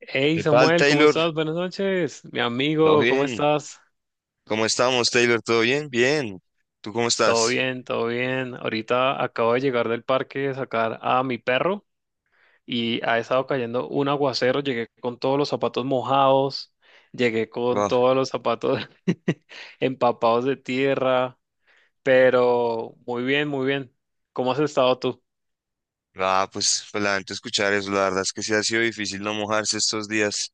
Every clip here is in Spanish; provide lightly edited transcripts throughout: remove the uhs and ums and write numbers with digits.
Hey ¿Qué tal, Samuel, ¿cómo Taylor? estás? Buenas noches, mi ¿Todo amigo, ¿cómo bien? estás? ¿Cómo estamos, Taylor? ¿Todo bien? Bien. ¿Tú cómo Todo estás? bien, todo bien. Ahorita acabo de llegar del parque a sacar a mi perro y ha estado cayendo un aguacero. Llegué con todos los zapatos mojados, llegué con Wow. todos los zapatos empapados de tierra, pero muy bien, muy bien. ¿Cómo has estado tú? Ah, pues lamento escuchar eso. La verdad es que sí ha sido difícil no mojarse estos días.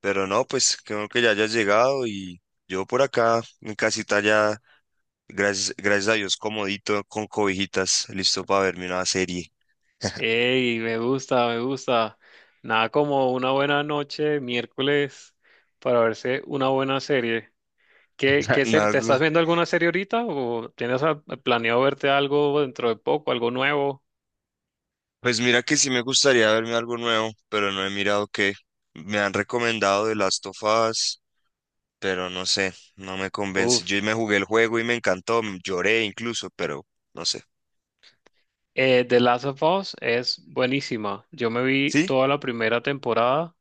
Pero no, pues creo que ya hayas llegado y yo por acá, en casita ya, gracias a Dios, comodito, con cobijitas, listo para verme una serie. Hey, me gusta, me gusta. Nada como una buena noche, miércoles, para verse una buena serie. ¿Qué, qué serie? ¿Te Algo- estás viendo alguna serie ahorita o tienes planeado verte algo dentro de poco, algo nuevo? Pues mira que sí me gustaría verme algo nuevo, pero no he mirado qué. Me han recomendado The Last of Us, pero no sé, no me convence. Uf. Yo me jugué el juego y me encantó, lloré incluso, pero no sé. The Last of Us es buenísima. Yo me vi Sí, toda la primera temporada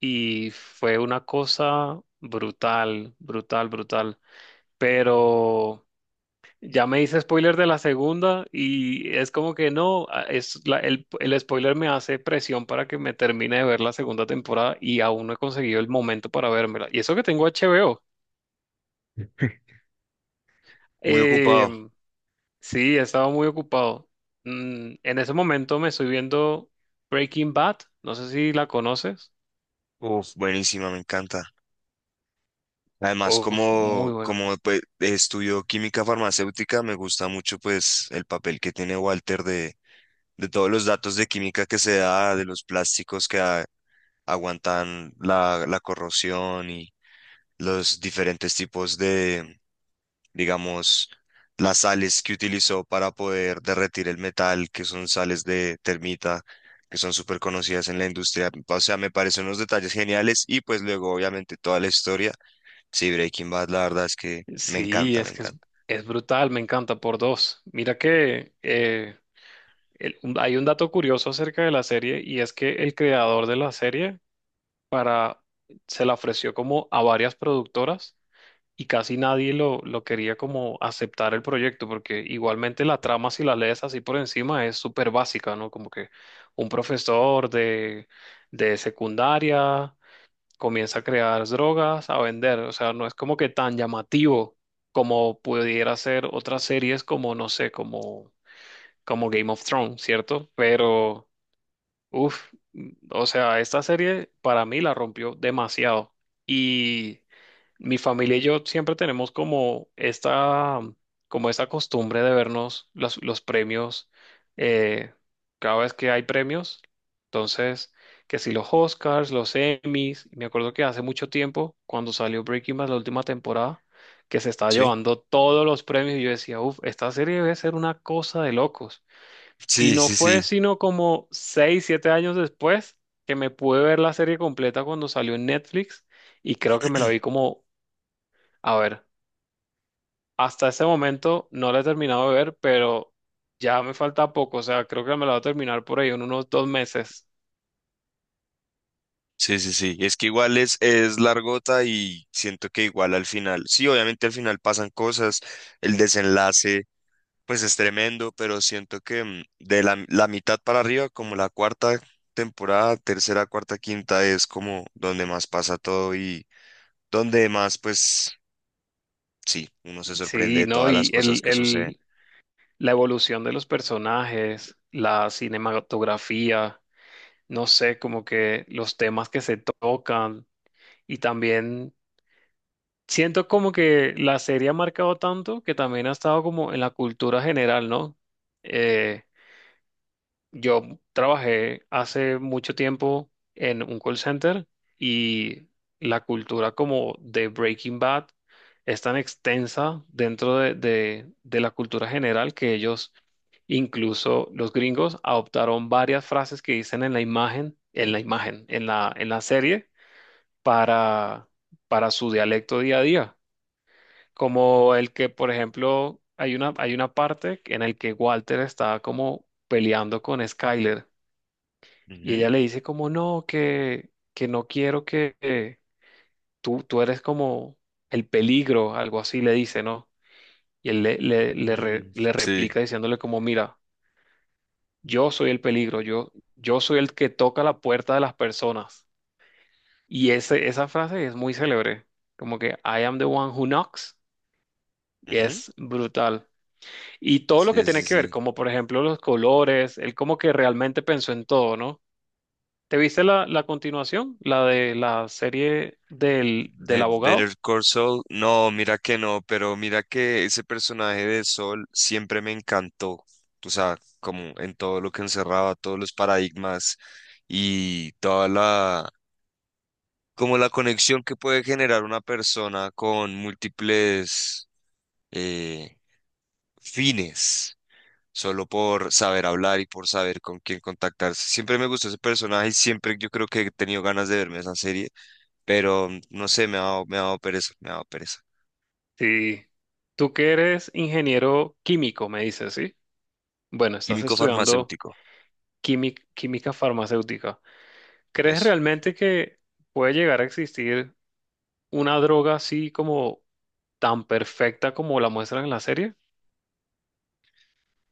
y fue una cosa brutal, brutal, brutal. Pero ya me hice spoiler de la segunda y es como que no, el spoiler me hace presión para que me termine de ver la segunda temporada y aún no he conseguido el momento para vérmela. Y eso que tengo HBO. muy Eh, ocupado. sí, he estado muy ocupado. En ese momento me estoy viendo Breaking Bad. No sé si la conoces. Uf, buenísima, me encanta. Además, Uf, como, muy buena. como pues, estudio química farmacéutica, me gusta mucho pues el papel que tiene Walter de todos los datos de química que se da, de los plásticos que aguantan la corrosión y los diferentes tipos de, digamos, las sales que utilizó para poder derretir el metal, que son sales de termita, que son súper conocidas en la industria. O sea, me parecen unos detalles geniales y pues luego, obviamente, toda la historia. Sí, Breaking Bad, la verdad es que me Sí, encanta, me es que es, encanta. es brutal, me encanta por dos. Mira que hay un dato curioso acerca de la serie y es que el creador de la serie para, se la ofreció como a varias productoras y casi nadie lo quería como aceptar el proyecto, porque igualmente la trama, si la lees así por encima, es súper básica, ¿no? Como que un profesor de secundaria comienza a crear drogas, a vender, o sea, no es como que tan llamativo como pudiera ser otras series como, no sé, como Game of Thrones, ¿cierto? Pero... Uf, o sea, esta serie para mí la rompió demasiado. Y mi familia y yo siempre tenemos como esta costumbre de vernos los premios, eh, cada vez que hay premios. Entonces, que si los Oscars, los Emmys, me acuerdo que hace mucho tiempo, cuando salió Breaking Bad la última temporada, que se estaba Sí, llevando todos los premios, y yo decía, uf, esta serie debe ser una cosa de locos. Y sí, no sí, sí. fue sino como 6, 7 años después que me pude ver la serie completa cuando salió en Netflix y creo que me la vi como, a ver, hasta ese momento no la he terminado de ver, pero ya me falta poco, o sea, creo que me la voy a terminar por ahí en unos 2 meses. Sí, sí, sí. Es que igual es largota y siento que igual al final, sí, obviamente al final pasan cosas, el desenlace pues es tremendo, pero siento que mm, de la mitad para arriba, como la cuarta temporada, tercera, cuarta, quinta, es como donde más pasa todo y donde más, pues sí, uno se sorprende Sí, de ¿no? todas las Y cosas que suceden. La evolución de los personajes, la cinematografía, no sé, como que los temas que se tocan y también siento como que la serie ha marcado tanto que también ha estado como en la cultura general, ¿no? Eh, yo trabajé hace mucho tiempo en un call center y la cultura como de Breaking Bad es tan extensa dentro de la cultura general que ellos, incluso los gringos, adoptaron varias frases que dicen en la imagen, en la imagen, en la serie para, para su dialecto día a día como el que, por ejemplo, hay una parte en el que Walter está como peleando con Skyler y Ujú. ella le dice como, no, que no quiero que tú eres como el peligro, algo así le dice, ¿no? Y él le, le, le, re- Mm, le sí, replica diciéndole como, mira, yo soy el peligro, yo soy el que toca la puerta de las personas. Y ese, esa frase es muy célebre, como que I am the one who knocks, y ujú. es brutal. Y todo lo Sí, que tiene sí, que ver, sí. como por ejemplo los colores, él como que realmente pensó en todo, ¿no? ¿Te viste la continuación? La de la serie del De Better abogado. Call Saul, no, mira que no, pero mira que ese personaje de Sol siempre me encantó. O sea, como en todo lo que encerraba, todos los paradigmas y toda la, como la conexión que puede generar una persona con múltiples, eh, fines, solo por saber hablar y por saber con quién contactarse. Siempre me gustó ese personaje y siempre yo creo que he tenido ganas de verme esa serie, pero no sé, me ha dado pereza, me ha dado pereza. Sí. Tú que eres ingeniero químico, me dices, ¿sí? Bueno, estás Químico estudiando farmacéutico, química, química farmacéutica. ¿Crees eso. realmente que puede llegar a existir una droga así como tan perfecta como la muestran en la serie?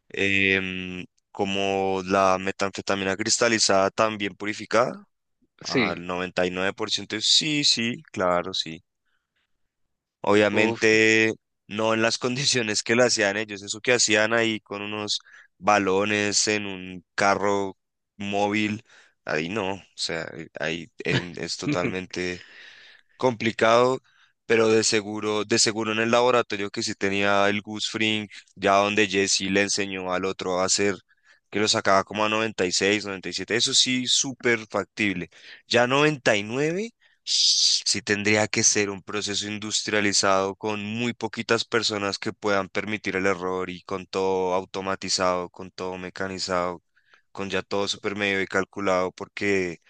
Em, Como la metanfetamina cristalizada, también purificada, Sí. al 99%, sí, sí, claro, sí. Uf. Obviamente no en las condiciones que la hacían ellos, eso que hacían ahí con unos balones en un carro móvil, ahí no, o sea, es totalmente complicado, pero de seguro en el laboratorio que sí tenía el Gus Fring, ya donde Jesse le enseñó al otro a hacer, que lo sacaba como a 96, 97, eso sí, súper factible. Ya 99, sí tendría que ser un proceso industrializado con muy poquitas personas que puedan permitir el error y con todo automatizado, con todo mecanizado, con ya todo súper medio y calculado, porque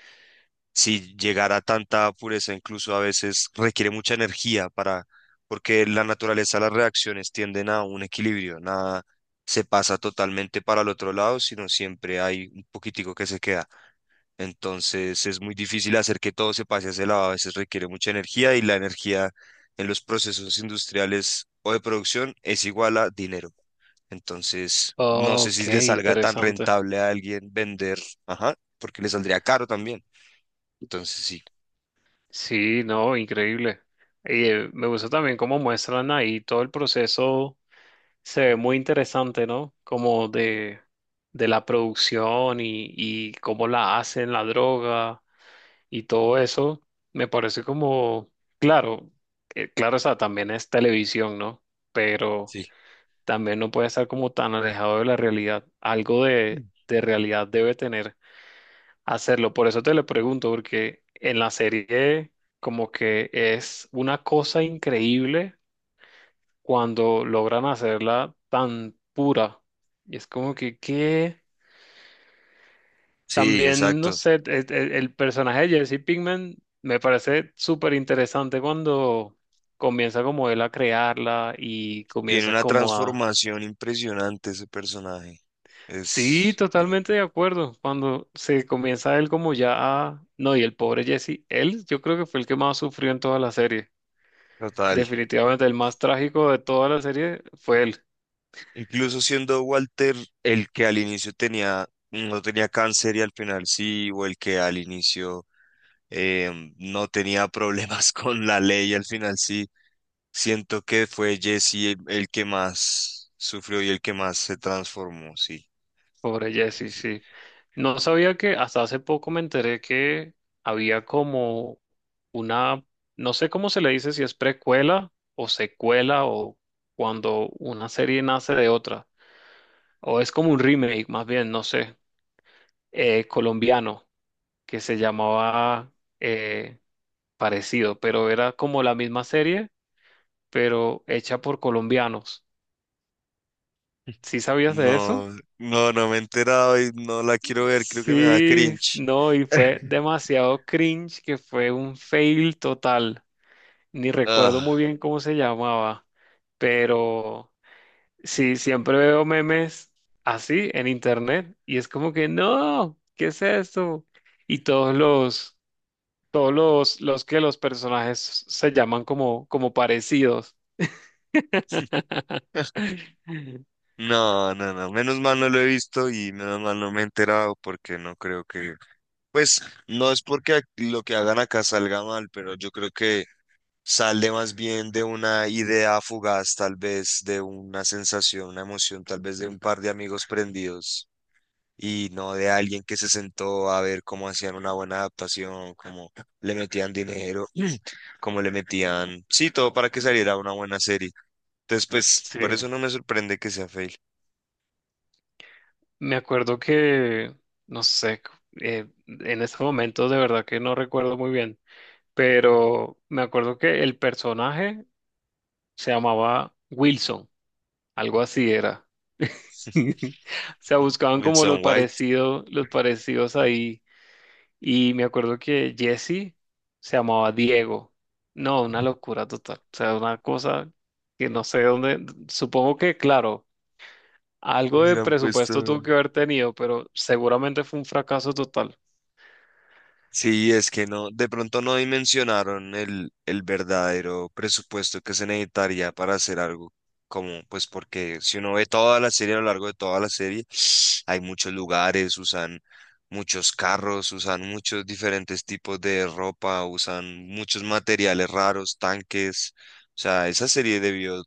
si llegar a tanta pureza, incluso a veces requiere mucha energía para, porque la naturaleza, de las reacciones tienden a un equilibrio, nada se pasa totalmente para el otro lado, sino siempre hay un poquitico que se queda. Entonces es muy difícil hacer que todo se pase a ese lado, a veces requiere mucha energía y la energía en los procesos industriales o de producción es igual a dinero. Entonces, no sé Ok, si le salga tan interesante. rentable a alguien vender, ajá, porque le saldría caro también. Entonces, sí. Sí, no, increíble. Y me gusta también cómo muestran ahí todo el proceso, se ve muy interesante, ¿no? Como de la producción y cómo la hacen, la droga y todo eso. Me parece como, claro, claro, o sea, también es televisión, ¿no? Pero Sí. también no puede estar como tan alejado de la realidad. Algo de realidad debe tener hacerlo. Por eso te lo pregunto, porque en la serie como que es una cosa increíble cuando logran hacerla tan pura. Y es como que, ¿qué? Sí, También, no exacto. sé, personaje de Jesse Pinkman me parece súper interesante cuando comienza como él a crearla y Tiene comienza una como a. transformación impresionante ese personaje. Sí, Es di- totalmente de acuerdo. Cuando se comienza él como ya a... No, y el pobre Jesse, él yo creo que fue el que más sufrió en toda la serie. Total. Definitivamente el más trágico de toda la serie fue él, Incluso siendo Walter el que al inicio tenía, no tenía cáncer y al final sí, o el que al inicio, no tenía problemas con la ley y al final sí. Siento que fue Jesse el que más sufrió y el que más se transformó, sí, pobre sí, Jesse, sí. sí. No sabía que hasta hace poco me enteré que había como una... No sé cómo se le dice si es precuela o secuela o cuando una serie nace de otra. O es como un remake, más bien, no sé. Colombiano. Que se llamaba, eh, parecido, pero era como la misma serie, pero hecha por colombianos. ¿Sí sabías de eso? No, no, no me he enterado y no la quiero ver, creo que me da Sí, cringe. no, y fue demasiado cringe que fue un fail total. Ni recuerdo muy Ah. bien cómo se llamaba, pero sí, siempre veo memes así en internet y es como que no, ¿qué es eso? Y todos los que los personajes se llaman como, como parecidos. No, no, no, menos mal no lo he visto y menos mal no me he enterado porque no creo que, pues no es porque lo que hagan acá salga mal, pero yo creo que sale más bien de una idea fugaz, tal vez de una sensación, una emoción, tal vez de un par de amigos prendidos y no de alguien que se sentó a ver cómo hacían una buena adaptación, cómo le metían dinero, cómo le metían, sí, todo para que saliera una buena serie. Entonces, pues por Sí, eso no me sorprende que sea fake. me acuerdo que, no sé, en este momento de verdad que no recuerdo muy bien, pero me acuerdo que el personaje se llamaba Wilson, algo así era. O sea, buscaban como Wilson White, los parecidos ahí. Y me acuerdo que Jesse se llamaba Diego. No, una locura total. O sea, una cosa que no sé dónde. Supongo que, claro, algo y de le han presupuesto puesto. tuvo que haber tenido, pero seguramente fue un fracaso total. Sí, es que no, de pronto no dimensionaron el verdadero presupuesto que se necesitaría para hacer algo como, pues porque si uno ve toda la serie, a lo largo de toda la serie, hay muchos lugares, usan muchos carros, usan muchos diferentes tipos de ropa, usan muchos materiales raros, tanques. O sea, esa serie debió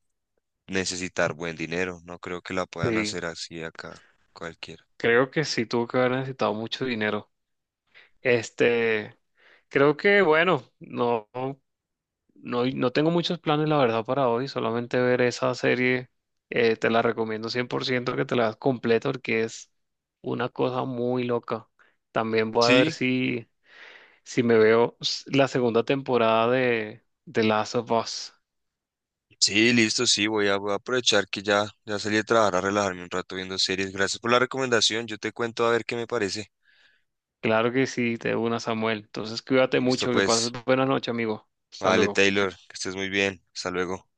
necesitar buen dinero, no creo que la puedan Sí, hacer así acá cualquiera. creo que sí tuvo que haber necesitado mucho dinero. Este, creo que, bueno, no. No, y no tengo muchos planes, la verdad, para hoy. Solamente ver esa serie. Te la recomiendo 100% que te la veas completa porque es una cosa muy loca. También voy a ver Sí. si, me veo la segunda temporada de Last of Us. Sí, listo, sí, voy a aprovechar que ya, ya salí de trabajar a relajarme un rato viendo series. Gracias por la recomendación, yo te cuento a ver qué me parece. Claro que sí, te una, Samuel. Entonces, cuídate Listo, mucho. Que pases pues, buenas noches amigo. Hasta vale, luego. Taylor, que estés muy bien, hasta luego.